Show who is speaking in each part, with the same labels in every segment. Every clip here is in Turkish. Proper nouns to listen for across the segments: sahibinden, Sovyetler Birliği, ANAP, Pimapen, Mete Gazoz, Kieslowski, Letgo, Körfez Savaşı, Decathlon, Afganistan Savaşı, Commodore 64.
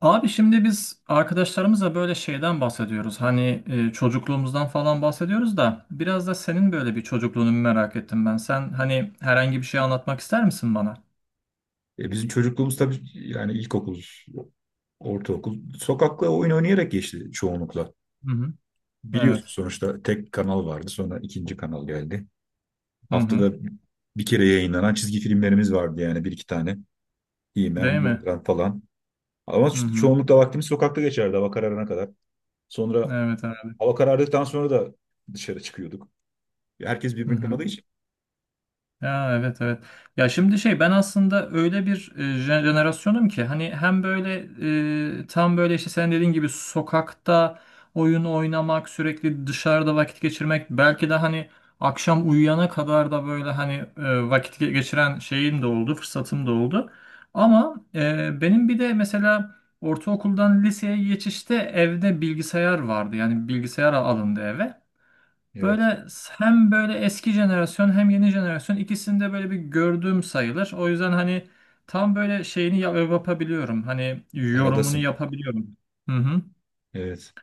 Speaker 1: Abi şimdi biz arkadaşlarımızla böyle şeyden bahsediyoruz. Hani çocukluğumuzdan falan bahsediyoruz da biraz da senin böyle bir çocukluğunu merak ettim ben. Sen hani herhangi bir şey anlatmak ister misin bana?
Speaker 2: Bizim çocukluğumuz tabii, yani ilkokul, ortaokul sokakla oyun oynayarak geçti çoğunlukla.
Speaker 1: Hı hı.
Speaker 2: Biliyorsun
Speaker 1: Evet.
Speaker 2: sonuçta tek kanal vardı, sonra ikinci kanal geldi.
Speaker 1: Hı hı.
Speaker 2: Haftada bir kere yayınlanan çizgi filmlerimiz vardı, yani bir iki tane.
Speaker 1: Değil
Speaker 2: He-Man,
Speaker 1: mi?
Speaker 2: Boomerang falan. Ama
Speaker 1: Hı hı.
Speaker 2: çoğunlukla vaktimiz sokakta geçerdi, hava kararına kadar. Sonra
Speaker 1: Evet abi.
Speaker 2: hava karardıktan sonra da dışarı çıkıyorduk. Herkes
Speaker 1: Hı
Speaker 2: birbirini
Speaker 1: hı.
Speaker 2: tanıdığı için.
Speaker 1: Ya, evet, evet. Ya şimdi şey ben aslında öyle bir jenerasyonum ki hani hem böyle tam böyle işte sen dediğin gibi sokakta oyun oynamak, sürekli dışarıda vakit geçirmek, belki de hani akşam uyuyana kadar da böyle hani vakit geçiren şeyim de oldu, fırsatım da oldu. Ama benim bir de mesela ortaokuldan liseye geçişte evde bilgisayar vardı. Yani bilgisayar alındı eve.
Speaker 2: Evet.
Speaker 1: Böyle hem böyle eski jenerasyon hem yeni jenerasyon ikisinde böyle bir gördüğüm sayılır. O yüzden hani tam böyle şeyini yapabiliyorum. Hani yorumunu
Speaker 2: Aradasın.
Speaker 1: yapabiliyorum. Hı hı.
Speaker 2: Evet.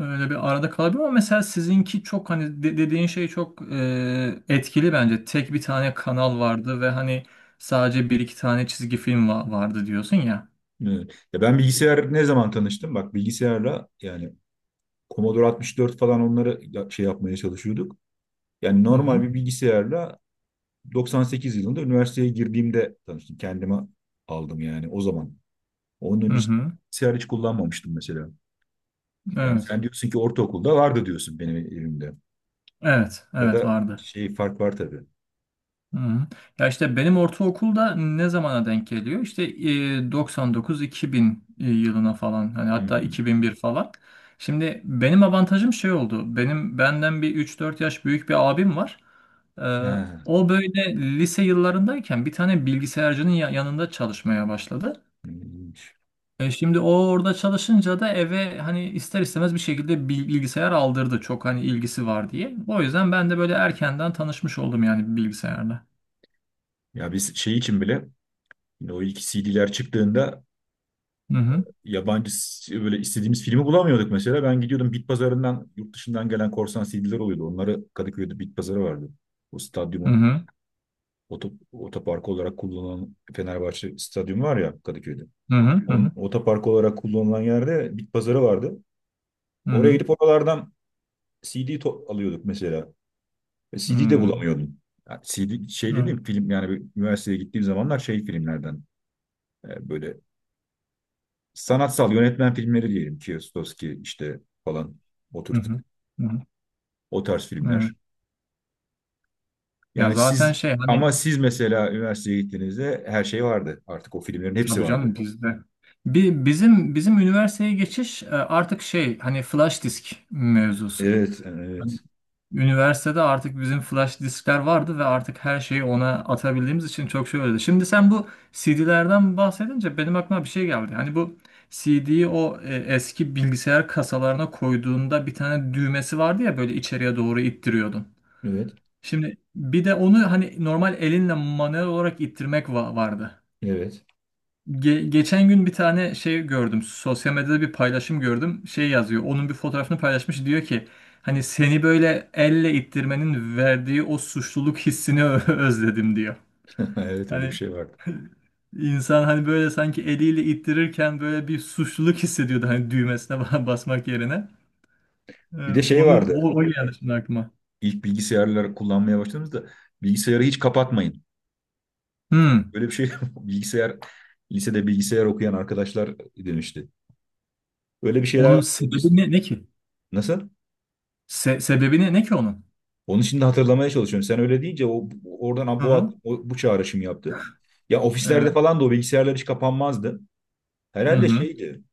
Speaker 1: Öyle bir arada kalabiliyorum ama mesela sizinki çok hani dediğin şey çok etkili bence. Tek bir tane kanal vardı ve hani sadece bir iki tane çizgi film vardı diyorsun ya.
Speaker 2: Evet. Ya ben bilgisayar ne zaman tanıştım? Bak, bilgisayarla yani Commodore 64 falan, onları şey yapmaya çalışıyorduk. Yani
Speaker 1: Hı
Speaker 2: normal
Speaker 1: hı.
Speaker 2: bir bilgisayarla 98 yılında üniversiteye girdiğimde tanıştım. Kendime aldım yani, o zaman. Onun önce
Speaker 1: Hı hı.
Speaker 2: bilgisayar hiç kullanmamıştım mesela. Yani
Speaker 1: Evet.
Speaker 2: sen diyorsun ki ortaokulda vardı diyorsun, benim evimde.
Speaker 1: Evet. Evet
Speaker 2: Arada
Speaker 1: vardı.
Speaker 2: şey fark var tabii.
Speaker 1: Hı. Ya işte benim ortaokulda ne zamana denk geliyor? İşte 99-2000 yılına falan, hani hatta
Speaker 2: Hmm.
Speaker 1: 2001 falan. Şimdi benim avantajım şey oldu. Benim benden bir 3-4 yaş büyük bir abim var. Ee,
Speaker 2: Ha,
Speaker 1: o böyle lise yıllarındayken bir tane bilgisayarcının yanında çalışmaya başladı.
Speaker 2: ilginç.
Speaker 1: E şimdi o orada çalışınca da eve hani ister istemez bir şekilde bilgisayar aldırdı. Çok hani ilgisi var diye. O yüzden ben de böyle erkenden tanışmış oldum yani bilgisayarla.
Speaker 2: Ya biz şey için bile, yine o ilk C D'ler çıktığında,
Speaker 1: Hı hı.
Speaker 2: yabancı böyle istediğimiz filmi bulamıyorduk mesela. Ben gidiyordum bit pazarından, yurt dışından gelen korsan C D'ler oluyordu. Onları Kadıköy'de bit pazarı vardı. O
Speaker 1: Hı
Speaker 2: stadyumun
Speaker 1: hı.
Speaker 2: otoparkı olarak kullanılan Fenerbahçe stadyumu var ya, Kadıköy'de.
Speaker 1: Hı hı
Speaker 2: Onun
Speaker 1: hı
Speaker 2: otoparkı olarak kullanılan yerde bit pazarı vardı. Oraya
Speaker 1: hı
Speaker 2: gidip oralardan alıyorduk mesela. Ve
Speaker 1: hı hı
Speaker 2: C D de
Speaker 1: hı.
Speaker 2: bulamıyordum. Yani C D şey
Speaker 1: Evet,
Speaker 2: dediğim film, yani bir üniversiteye gittiğim zamanlar şey filmlerden, böyle sanatsal yönetmen filmleri, diyelim ki Kieslowski işte falan, o
Speaker 1: hı
Speaker 2: tür.
Speaker 1: hı hı, hı.
Speaker 2: O tarz filmler.
Speaker 1: Evet. Ya
Speaker 2: Yani
Speaker 1: zaten
Speaker 2: siz,
Speaker 1: şey hani,
Speaker 2: ama siz mesela üniversiteye gittiğinizde her şey vardı. Artık o filmlerin hepsi
Speaker 1: tabii canım
Speaker 2: vardı.
Speaker 1: bizde. Bizim üniversiteye geçiş, artık şey hani flash disk mevzusu.
Speaker 2: Evet,
Speaker 1: Hani
Speaker 2: evet,
Speaker 1: üniversitede artık bizim flash diskler vardı ve artık her şeyi ona atabildiğimiz için çok şey öyleydi. Şimdi sen bu CD'lerden bahsedince benim aklıma bir şey geldi. Hani bu CD'yi o eski bilgisayar kasalarına koyduğunda bir tane düğmesi vardı ya, böyle içeriye doğru ittiriyordun.
Speaker 2: evet,
Speaker 1: Şimdi bir de onu hani normal elinle manuel olarak ittirmek vardı.
Speaker 2: evet.
Speaker 1: Geçen gün bir tane şey gördüm. Sosyal medyada bir paylaşım gördüm. Şey yazıyor. Onun bir fotoğrafını paylaşmış. Diyor ki hani, seni böyle elle ittirmenin verdiği o suçluluk hissini özledim diyor.
Speaker 2: Evet, öyle bir
Speaker 1: Hani
Speaker 2: şey vardı.
Speaker 1: insan hani böyle sanki eliyle ittirirken böyle bir suçluluk hissediyordu hani, düğmesine basmak yerine. Ee,
Speaker 2: Bir de şey
Speaker 1: onu
Speaker 2: vardı.
Speaker 1: o geldi şimdi aklıma.
Speaker 2: İlk bilgisayarları kullanmaya başladığımızda, bilgisayarı hiç kapatmayın.
Speaker 1: Hmm.
Speaker 2: Öyle bir şey bilgisayar, lisede bilgisayar okuyan arkadaşlar demişti. Öyle bir şeyler
Speaker 1: Onun
Speaker 2: var.
Speaker 1: sebebi
Speaker 2: Biz-
Speaker 1: ne ki?
Speaker 2: Nasıl?
Speaker 1: Sebebi ne ki onun?
Speaker 2: Onun için de hatırlamaya çalışıyorum. Sen öyle deyince o oradan
Speaker 1: Hı
Speaker 2: bu
Speaker 1: hı.
Speaker 2: bu çağrışım yaptı. Ya ofislerde
Speaker 1: Ee,
Speaker 2: falan da o bilgisayarlar hiç kapanmazdı.
Speaker 1: hı
Speaker 2: Herhalde
Speaker 1: hı.
Speaker 2: şeydi.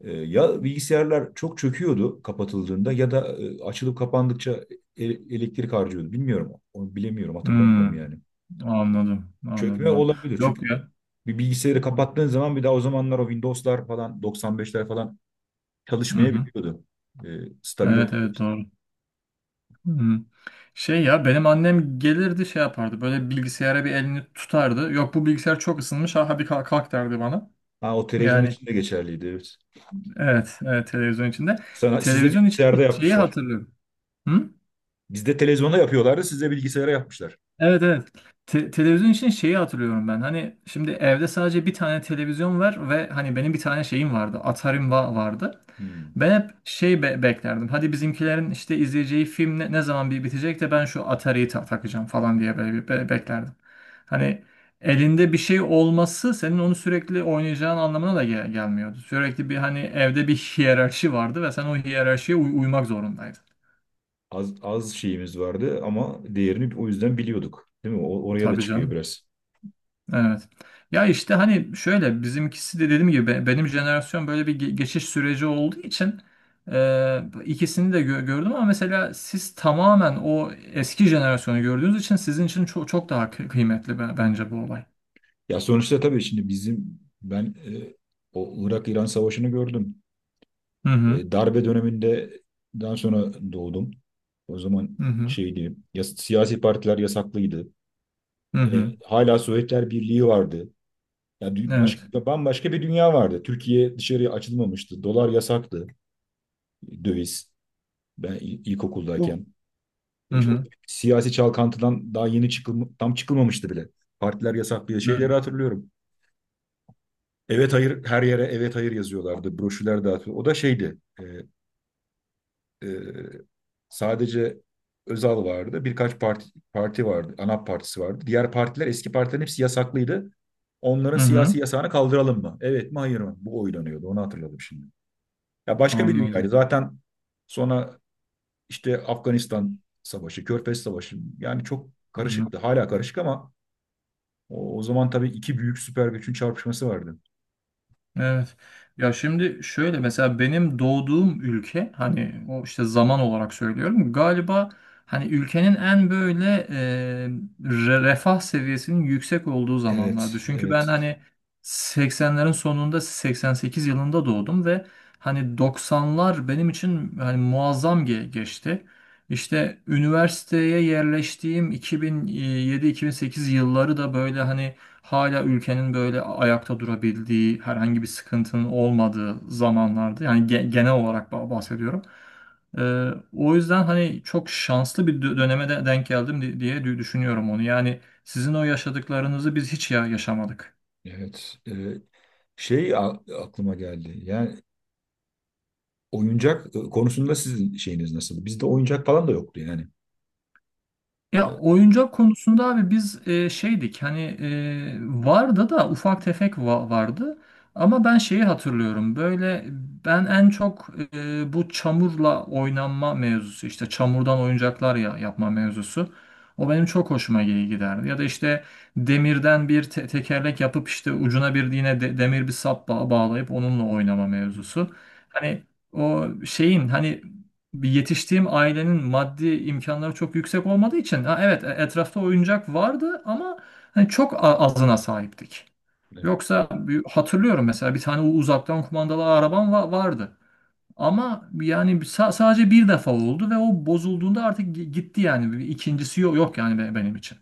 Speaker 2: Ya bilgisayarlar çok çöküyordu kapatıldığında, ya da açılıp kapandıkça elektrik harcıyordu. Bilmiyorum. Onu bilemiyorum, hatırlamıyorum
Speaker 1: Hmm,
Speaker 2: yani.
Speaker 1: anladım. Anladım
Speaker 2: Çökme
Speaker 1: abi.
Speaker 2: olabilir,
Speaker 1: Yok
Speaker 2: çünkü
Speaker 1: ya.
Speaker 2: bir bilgisayarı kapattığın zaman, bir daha o zamanlar o Windows'lar falan, 95'ler falan
Speaker 1: Hı hı.
Speaker 2: çalışmayabiliyordu. E, Stabil
Speaker 1: Evet,
Speaker 2: oldu.
Speaker 1: evet doğru. Hı hı. Şey ya, benim annem gelirdi, şey yapardı. Böyle bilgisayara bir elini tutardı. Yok, bu bilgisayar çok ısınmış. Ha, hadi kalk, kalk derdi bana.
Speaker 2: Ha, o televizyon
Speaker 1: Yani
Speaker 2: için de geçerliydi. Evet.
Speaker 1: evet, evet televizyon içinde.
Speaker 2: Sana, size
Speaker 1: Televizyon için
Speaker 2: bilgisayarda
Speaker 1: şeyi
Speaker 2: yapmışlar.
Speaker 1: hatırlıyorum. Hı?
Speaker 2: Bizde televizyonda yapıyorlardı, size bilgisayara yapmışlar.
Speaker 1: Evet, evet. Televizyon için şeyi hatırlıyorum ben. Hani şimdi evde sadece bir tane televizyon var ve hani benim bir tane şeyim vardı. Atari'm vardı.
Speaker 2: Hmm.
Speaker 1: Ben hep şey beklerdim. Hadi bizimkilerin işte izleyeceği film ne zaman bir bitecek de ben şu Atari'yi takacağım falan diye böyle bir beklerdim. Hani elinde bir şey olması senin onu sürekli oynayacağın anlamına da gelmiyordu. Sürekli bir hani, evde bir hiyerarşi vardı ve sen o hiyerarşiye uymak zorundaydın.
Speaker 2: Az şeyimiz vardı ama değerini o yüzden biliyorduk. Değil mi? Oraya da
Speaker 1: Tabii
Speaker 2: çıkıyor
Speaker 1: canım.
Speaker 2: biraz.
Speaker 1: Evet. Ya işte hani şöyle, bizimkisi de dediğim gibi, benim jenerasyon böyle bir geçiş süreci olduğu için ikisini de gördüm, ama mesela siz tamamen o eski jenerasyonu gördüğünüz için sizin için çok çok daha kıymetli bence bu olay.
Speaker 2: Ya sonuçta tabii, şimdi bizim ben o Irak-İran Savaşı'nı gördüm.
Speaker 1: Hı hı.
Speaker 2: Darbe döneminde daha sonra doğdum. O zaman
Speaker 1: Hı hı.
Speaker 2: şeydi, ya, siyasi partiler yasaklıydı.
Speaker 1: Hı hı.
Speaker 2: Hala Sovyetler Birliği vardı. Ya
Speaker 1: Evet.
Speaker 2: bambaşka bir dünya vardı. Türkiye dışarıya açılmamıştı. Dolar yasaktı. Döviz. Ben
Speaker 1: Bu.
Speaker 2: ilkokuldayken.
Speaker 1: Hı
Speaker 2: Çok
Speaker 1: hı.
Speaker 2: siyasi çalkantıdan daha yeni tam çıkılmamıştı bile. Partiler yasaklıyor.
Speaker 1: Evet.
Speaker 2: Şeyleri hatırlıyorum. Evet hayır, her yere evet hayır yazıyorlardı. Broşürler dağıtıyor. O da şeydi. E, Sadece Özal vardı. Parti vardı. ANAP partisi vardı. Diğer partiler, eski partilerin hepsi yasaklıydı. Onların
Speaker 1: Hı hı.
Speaker 2: siyasi yasağını kaldıralım mı? Evet mi hayır mı? Bu oylanıyordu. Onu hatırladım şimdi. Ya başka bir dünyaydı.
Speaker 1: Anladım.
Speaker 2: Zaten sonra işte Afganistan Savaşı, Körfez Savaşı, yani çok
Speaker 1: Hı hı.
Speaker 2: karışıktı. Hala karışık ama, o zaman tabii iki büyük süper gücün çarpışması vardı.
Speaker 1: Evet. Ya şimdi şöyle, mesela benim doğduğum ülke hani, o işte zaman olarak söylüyorum galiba, hani ülkenin en böyle refah seviyesinin yüksek olduğu zamanlardı.
Speaker 2: Evet,
Speaker 1: Çünkü ben
Speaker 2: evet,
Speaker 1: hani 80'lerin sonunda, 88 yılında doğdum ve hani 90'lar benim için hani muazzam geçti. İşte üniversiteye yerleştiğim 2007-2008 yılları da böyle hani hala ülkenin böyle ayakta durabildiği, herhangi bir sıkıntının olmadığı zamanlarda, yani genel olarak bahsediyorum. Ee, o yüzden hani çok şanslı bir döneme de denk geldim diye düşünüyorum onu. Yani sizin o yaşadıklarınızı biz hiç ya yaşamadık.
Speaker 2: evet. Şey aklıma geldi. Yani oyuncak konusunda sizin şeyiniz nasıl? Bizde oyuncak falan da yoktu yani.
Speaker 1: Ya
Speaker 2: Yani.
Speaker 1: oyuncak konusunda abi, biz şeydik hani, vardı da ufak tefek vardı, ama ben şeyi hatırlıyorum böyle, ben en çok bu çamurla oynanma mevzusu, işte çamurdan oyuncaklar ya, yapma mevzusu, o benim çok hoşuma giderdi. Ya da işte demirden bir tekerlek yapıp işte ucuna bir yine demir bir sap bağlayıp onunla oynama mevzusu, hani o şeyin hani, bir yetiştiğim ailenin maddi imkanları çok yüksek olmadığı için, ha evet etrafta oyuncak vardı ama hani çok azına sahiptik.
Speaker 2: Evet.
Speaker 1: Yoksa hatırlıyorum mesela bir tane uzaktan kumandalı arabam vardı. Ama yani sadece bir defa oldu ve o bozulduğunda artık gitti yani. Bir İkincisi yok, yok yani benim için.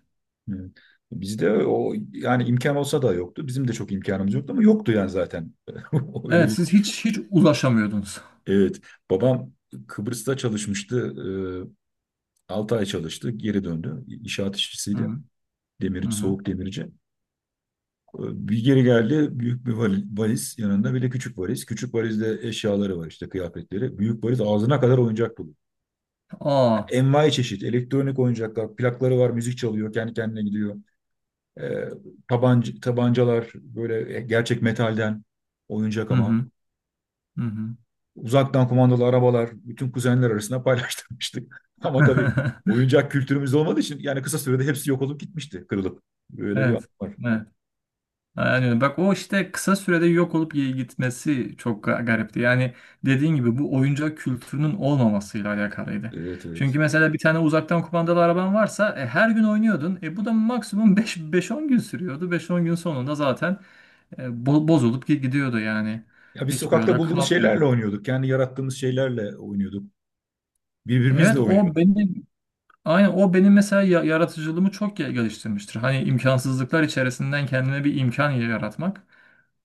Speaker 2: Evet. Bizde o, yani imkan olsa da yoktu. Bizim de çok imkanımız yoktu, ama yoktu yani zaten. Öyle
Speaker 1: Evet,
Speaker 2: bir,
Speaker 1: siz hiç hiç ulaşamıyordunuz.
Speaker 2: evet, babam Kıbrıs'ta çalışmıştı. 6 ay çalıştı, geri döndü. İnşaat
Speaker 1: Hı
Speaker 2: işçisiydi.
Speaker 1: hı. Hı
Speaker 2: Demirci,
Speaker 1: hı.
Speaker 2: soğuk demirci. Bir geri geldi, büyük bir valiz, yanında bir de küçük valiz. Küçük valizde eşyaları var, işte kıyafetleri. Büyük valiz ağzına kadar oyuncak dolu.
Speaker 1: Aa.
Speaker 2: Envai çeşit, elektronik oyuncaklar, plakları var, müzik çalıyor, kendi kendine gidiyor. E, Tabanca, tabancalar böyle gerçek metalden, oyuncak
Speaker 1: Hı
Speaker 2: ama.
Speaker 1: hı. Hı hı.
Speaker 2: Uzaktan kumandalı arabalar, bütün kuzenler arasında paylaştırmıştık. Ama tabii oyuncak kültürümüz olmadığı için yani kısa sürede hepsi yok olup gitmişti, kırılıp. Böyle bir
Speaker 1: Evet.
Speaker 2: an var.
Speaker 1: Evet. Aynen öyle. Bak, o işte kısa sürede yok olup iyi gitmesi çok garipti. Yani dediğin gibi, bu oyuncak kültürünün olmamasıyla alakalıydı.
Speaker 2: Evet, evet.
Speaker 1: Çünkü mesela bir tane uzaktan kumandalı araban varsa, her gün oynuyordun. E, bu da maksimum beş on gün sürüyordu. Beş on gün sonunda zaten bozulup gidiyordu yani.
Speaker 2: Ya biz
Speaker 1: Hiç
Speaker 2: sokakta
Speaker 1: böyle
Speaker 2: bulduğumuz
Speaker 1: kalmıyordu.
Speaker 2: şeylerle oynuyorduk. Kendi yarattığımız şeylerle oynuyorduk. Birbirimizle
Speaker 1: Evet o
Speaker 2: oynuyorduk.
Speaker 1: benim aynen o benim mesela yaratıcılığımı çok geliştirmiştir. Hani imkansızlıklar içerisinden kendime bir imkan yaratmak.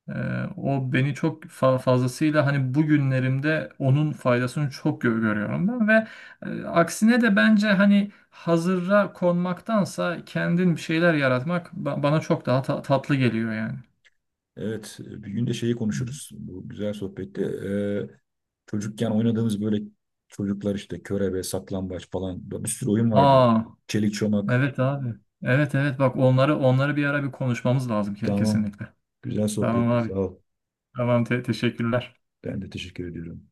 Speaker 1: Ee, o beni çok fazlasıyla hani, bugünlerimde onun faydasını çok görüyorum ben ve aksine de bence hani hazıra konmaktansa kendin bir şeyler yaratmak bana çok daha tatlı geliyor yani.
Speaker 2: Evet, bir gün de şeyi
Speaker 1: Hı.
Speaker 2: konuşuruz. Bu güzel sohbette. Çocukken oynadığımız böyle çocuklar işte, körebe, saklambaç falan, bir sürü oyun vardı.
Speaker 1: Aa,
Speaker 2: Çelik çomak.
Speaker 1: evet abi. Evet, evet, bak onları bir ara bir konuşmamız lazım
Speaker 2: Tamam.
Speaker 1: kesinlikle.
Speaker 2: Güzel
Speaker 1: Tamam
Speaker 2: sohbetti. Sağ
Speaker 1: abi.
Speaker 2: ol.
Speaker 1: Tamam, teşekkürler.
Speaker 2: Ben de teşekkür ediyorum.